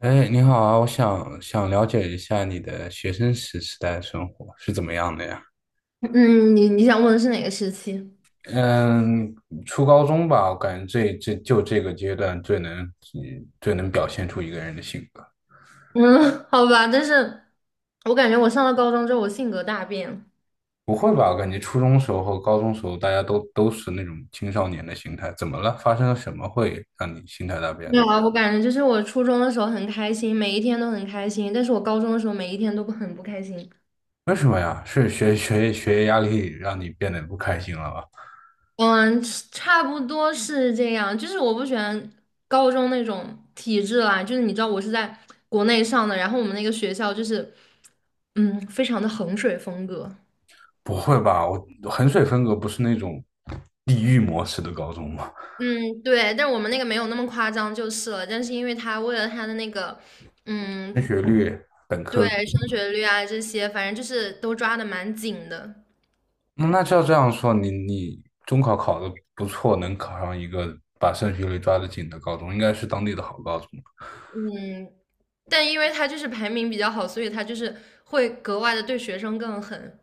哎，你好啊，我想了解一下你的学生时代生活是怎么样的呀？嗯，你想问的是哪个时期？嗯，初高中吧，我感觉这就这个阶段最能表现出一个人的性格。嗯，好吧，但是我感觉我上了高中之后，我性格大变。不会吧？我感觉初中时候和高中时候大家都是那种青少年的心态，怎么了？发生了什么会让你心态大变没呢？有啊，我感觉就是我初中的时候很开心，每一天都很开心，但是我高中的时候每一天都不很不开心。为什么呀？是学业压力让你变得不开心了吗？嗯，差不多是这样，就是我不喜欢高中那种体制啦，就是你知道我是在国内上的，然后我们那个学校就是，非常的衡水风格。不会吧？我衡水分隔不是那种地狱模式的高中吗？嗯，对，但我们那个没有那么夸张就是了。但是因为他为了他的那个，升嗯，学率。对，升学率啊这些，反正就是都抓的蛮紧的。那照这样说，你中考考得不错，能考上一个把升学率抓得紧的高中，应该是当地的好高中。嗯，但因为他就是排名比较好，所以他就是会格外的对学生更狠。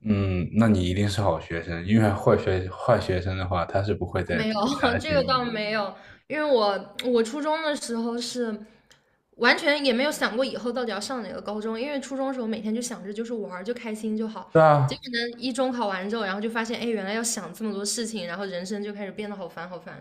嗯，那你一定是好学生，因为坏学生的话，他是不会再没有，理他的 这建个议倒的。没有，因为我初中的时候是。完全也没有想过以后到底要上哪个高中，因为初中的时候每天就想着就是玩儿就开心就好。对结啊，果呢，一中考完之后，然后就发现，哎，原来要想这么多事情，然后人生就开始变得好烦好烦。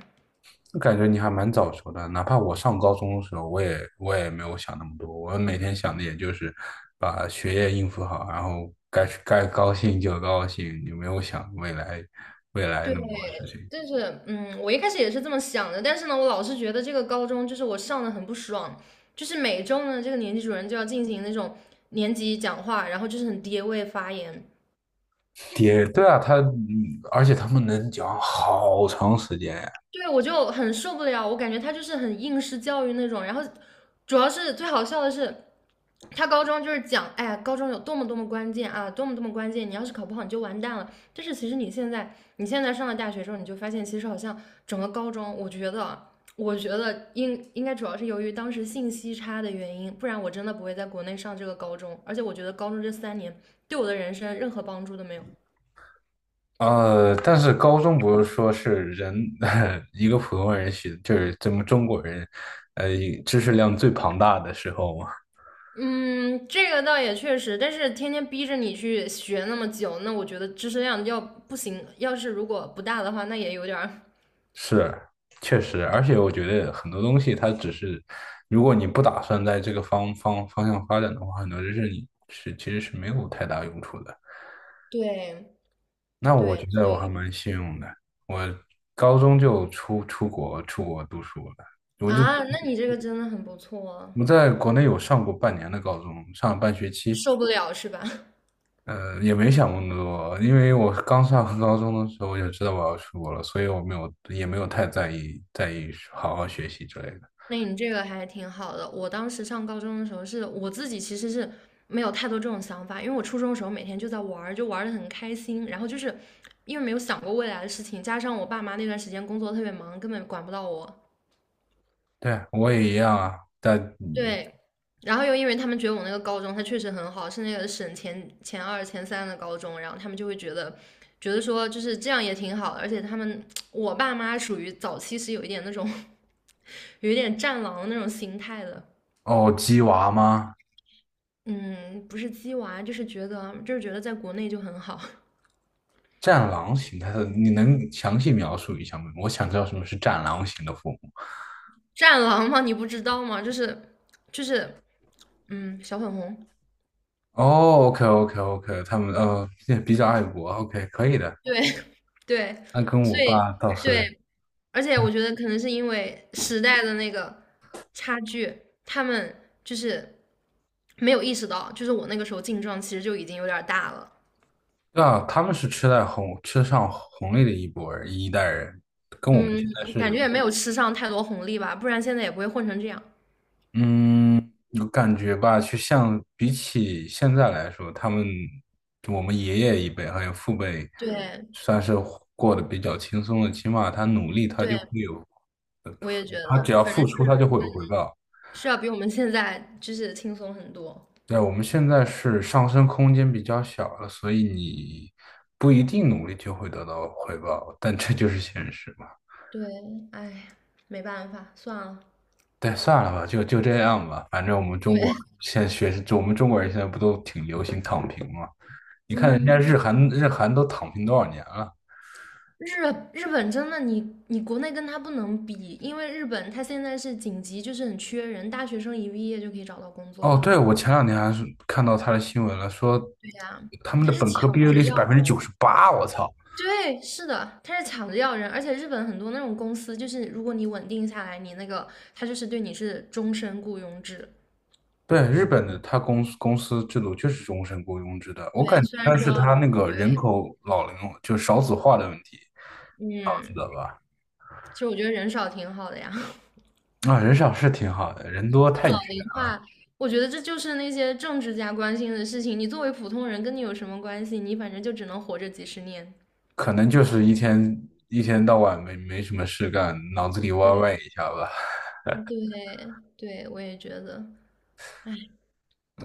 就感觉你还蛮早熟的。哪怕我上高中的时候，我也没有想那么多，我每天想的也就是把学业应付好，然后该高兴就高兴，也没有想未来对，那么多事情。就是我一开始也是这么想的，但是呢，我老是觉得这个高中就是我上的很不爽，就是每周呢，这个年级主任就要进行那种年级讲话，然后就是很爹味发言，也对啊，他，而且他们能讲好长时间呀。对我就很受不了，我感觉他就是很应试教育那种，然后主要是最好笑的是。他高中就是讲，哎呀，高中有多么多么关键啊，多么多么关键，你要是考不好你就完蛋了。但是其实你现在，你现在上了大学之后，你就发现其实好像整个高中，我觉得啊，我觉得应该主要是由于当时信息差的原因，不然我真的不会在国内上这个高中。而且我觉得高中这3年对我的人生任何帮助都没有。呃，但是高中不是说是人，一个普通人学，就是咱们中国人，呃，知识量最庞大的时候嘛。嗯，这个倒也确实，但是天天逼着你去学那么久，那我觉得知识量要不行，要是如果不大的话，那也有点儿。是，确实，而且我觉得很多东西它只是，如果你不打算在这个方向发展的话，很多知识你其实是没有太大用处的。对那我对，觉得我还蛮幸运的，我高中就出国读书了。我就啊，那你这个真的很不错啊，我在国内有上过半年的高中，上了半学期，受不了是吧？也没想过那么多，因为我刚上高中的时候我就知道我要出国了，所以我没有也没有太在意好好学习之类的。那你这个还挺好的。我当时上高中的时候是，我自己其实是没有太多这种想法，因为我初中的时候每天就在玩儿，就玩的很开心。然后就是因为没有想过未来的事情，加上我爸妈那段时间工作特别忙，根本管不到我。对，我也一样啊，但对，然后又因为他们觉得我那个高中它确实很好，是那个省前二、前三的高中，然后他们就会觉得，觉得说就是这样也挺好的，而且他们 我爸妈属于早期是有一点那种 有一点战狼那种心态的。哦，鸡娃吗？嗯，不是鸡娃，就是觉得在国内就很好。战狼型，它是？你能详细描述一下吗？我想知道什么是战狼型的父母。战狼吗？你不知道吗？就是小粉红，哦，OK OK OK,他们比较爱国，OK 可以的，对 对，那跟所我以爸倒是对，而且我觉得可能是因为时代的那个差距，他们就是没有意识到，就是我那个时候劲撞其实就已经有点儿大了。对啊，他们是吃上红利的一代人，跟我们嗯，现在感是，觉也没有吃上太多红利吧，不然现在也不会混成这样。嗯，有感觉吧？去像比起现在来说，他们就我们爷爷一辈还有父辈，对算是过得比较轻松的，起码他努力，他就对，会有，我也觉得，他只要反付正是出，他就会有回报。是要比我们现在就是轻松很多。对，我们现在是上升空间比较小了，所以你不一定努力就会得到回报，但这就是现实嘛。对，哎，没办法，算了。对，算了吧，就这样吧。反正我们中国对，现在学，就我们中国人现在不都挺流行躺平吗？你看人家嗯，日韩，日韩都躺平多少年了？日日本真的你国内跟他不能比，因为日本他现在是紧急，就是很缺人，大学生一毕业就可以找到工作哦，的。对，我前两天还是看到他的新闻了，说对呀，他们的他是本科毕抢业着率是百要分人。之九十八，我操！对，是的，他是抢着要人，而且日本很多那种公司，就是如果你稳定下来，你那个他就是对你是终身雇佣制。对，日本的他公司制度就是终身雇佣制的，我感对，觉虽应然该是说，他那个人口老龄就少子化的问题，知嗯，道吧？其实我觉得人少挺好的呀。啊，人少是挺好的，人多就太远老龄化，我觉得这就是那些政治家关心的事情。你作为普通人，跟你有什么关系？你反正就只能活着几十年。可能就是一天到晚没什么事干，脑子里歪歪一下吧。对对对，我也觉得，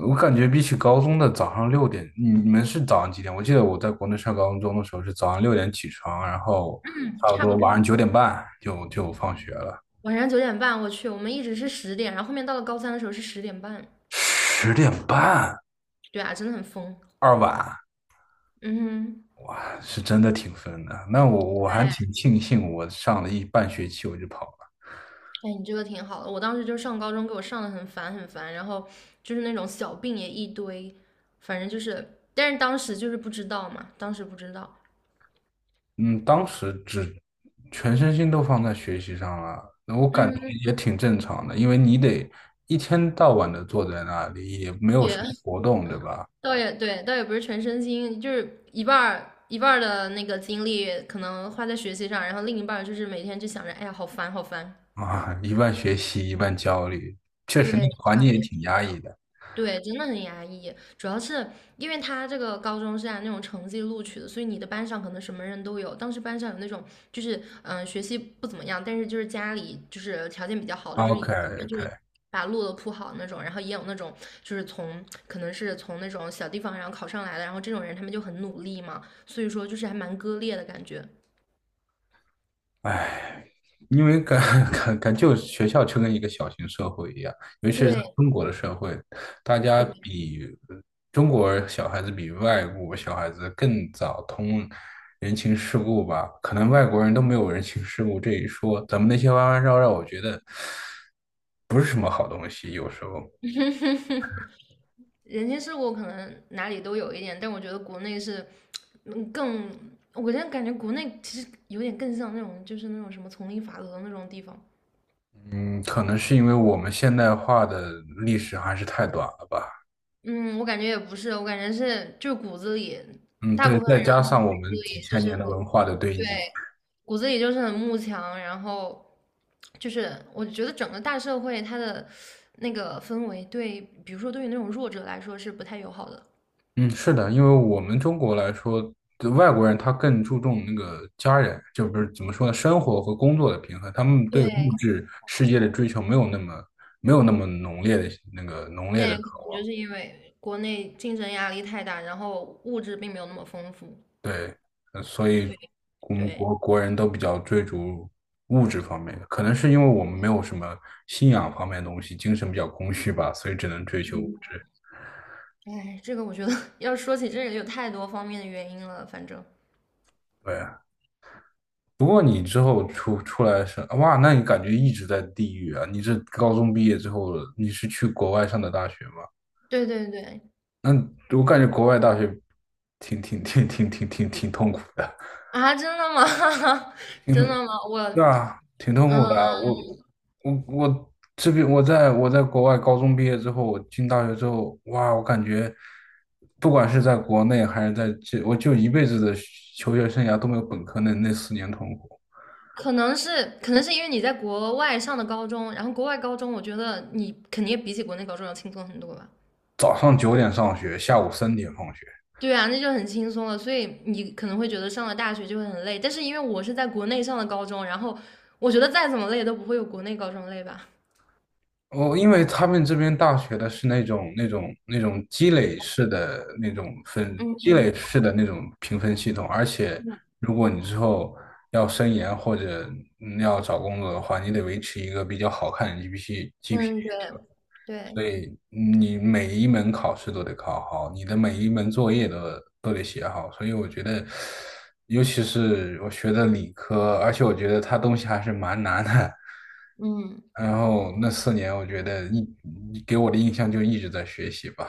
我感觉比起高中的早上六点，你们是早上几点？我记得我在国内上高中的时候是早上六点起床，然后嗯，差不差不多多。晚上9点半就放学了，晚上9点半，我去，我们一直是十点，然后后面到了高三的时候是10点半。10点半对啊，真的很疯。二晚，嗯哼，哇，是真的挺疯的。那我还哎挺庆幸，我上了一半学期我就跑了。哎，你这个挺好的。我当时就上高中，给我上的很烦很烦，然后就是那种小病也一堆，反正就是，但是当时就是不知道嘛，当时不知道。嗯，当时只全身心都放在学习上了，那我感觉嗯，也挺正常的，因为你得一天到晚的坐在那里，也没有什也 么 活动，对吧？倒也对，倒也不是全身心，就是一半儿一半儿的那个精力可能花在学习上，然后另一半儿就是每天就想着，哎呀，好烦，好烦。啊，一半学习，一半焦虑，确实那对，个环差境不也多。就挺这压抑样。的。对，真的很压抑，主要是因为他这个高中是按那种成绩录取的，所以你的班上可能什么人都有。当时班上有那种就是学习不怎么样，但是就是家里就是条件比较好的，就是已经帮他们就 OK，OK，是把路都铺好那种，然后也有那种就是从可能是从那种小地方然后考上来的，然后这种人他们就很努力嘛，所以说就是还蛮割裂的感觉。唉，因为感觉学校就跟一个小型社会一样，尤其是在对中国的社会，大家对。比中国小孩子比外国小孩子更早通人情世故吧？可能外国人都没有人情世故这一说，咱们那些弯弯绕绕，我觉得不是什么好东西。有时候，人情世故可能哪里都有一点，但我觉得国内是，更，我现在感觉国内其实有点更像那种，就是那种什么丛林法则那种地方。嗯，可能是因为我们现代化的历史还是太短了吧？嗯，我感觉也不是，我感觉是就是骨子里，嗯，大对，部分再人加他们上我骨子们几里就千是年的很，文化的堆对，积。骨子里就是很慕强，然后就是我觉得整个大社会它的那个氛围对，比如说对于那种弱者来说是不太友好的。嗯，是的，因为我们中国来说，对外国人他更注重那个家人，就不是怎么说呢，生活和工作的平衡，他们对对，物质世界的追求没有那么浓烈的对，渴可能望，就是因为国内竞争压力太大，然后物质并没有那么丰富，对，所以所以我们对，国人都比较追逐物质方面的，可能是因为我们没有什么信仰方面的东西，精神比较空虚吧，所以只能追求嗯，物质，哎，这个我觉得 要说起这个有太多方面的原因了，反正对啊。不过你之后出来是，哇，那你感觉一直在地狱啊？你这高中毕业之后，你是去国外上的大学吗？对对对那我感觉国外大学挺痛苦的，啊，真的吗？挺真痛，的吗？我对啊，挺痛嗯，苦的啊。我我这边我在国外高中毕业之后，我进大学之后，哇，我感觉不管是在国内还是在这，我就一辈子的求学生涯都没有本科那四年痛苦。可能是因为你在国外上的高中，然后国外高中我觉得你肯定比起国内高中要轻松很多吧。早上九点上学，下午3点放学。对啊，那就很轻松了。所以你可能会觉得上了大学就会很累，但是因为我是在国内上的高中，然后我觉得再怎么累都不会有国内高中累吧。哦，因为他们这边大学的是那种那种那种积累式的那种 分嗯积累哼，式的那种评分系统，而且嗯如果你之后要升研或者要找工作的话，你得维持一个比较好看的 g p A，嗯，对对，所以你每一门考试都得考好，你的每一门作业都得写好，所以我觉得，尤其是我学的理科，而且我觉得它东西还是蛮难的。嗯然后那四年，我觉得给我的印象就一直在学习吧。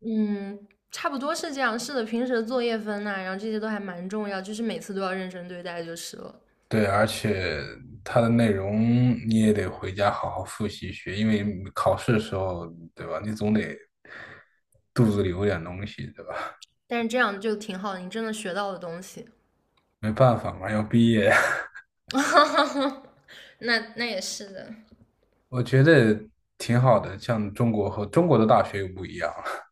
嗯，差不多是这样。是的，平时的作业分呐、然后这些都还蛮重要，就是每次都要认真对待就是了。对，而且它的内容你也得回家好好复习学，因为考试的时候，对吧？你总得肚子里有点东西，对吧？但是这样就挺好的，你真的学到了东西。没办法嘛，要毕业。那也是的，我觉得挺好的，像中国和中国的大学又不一样了。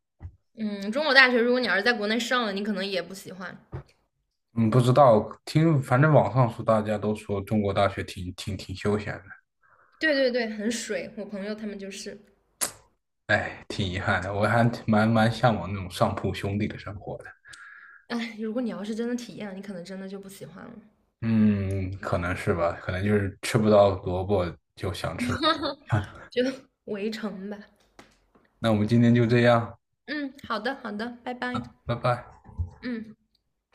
嗯，中国大学如果你要是在国内上了，你可能也不喜欢。嗯，不知道，听反正网上说大家都说中国大学挺休闲的，对对对，很水。我朋友他们就是，哎，挺遗憾的。我还蛮向往那种上铺兄弟的生活的。哎，如果你要是真的体验了，你可能真的就不喜欢了，嗯，可能是吧，可能就是吃不到萝卜就想吃萝卜。就 围城吧。那我们今天就这样，嗯，好的好的，拜拜。拜拜。嗯。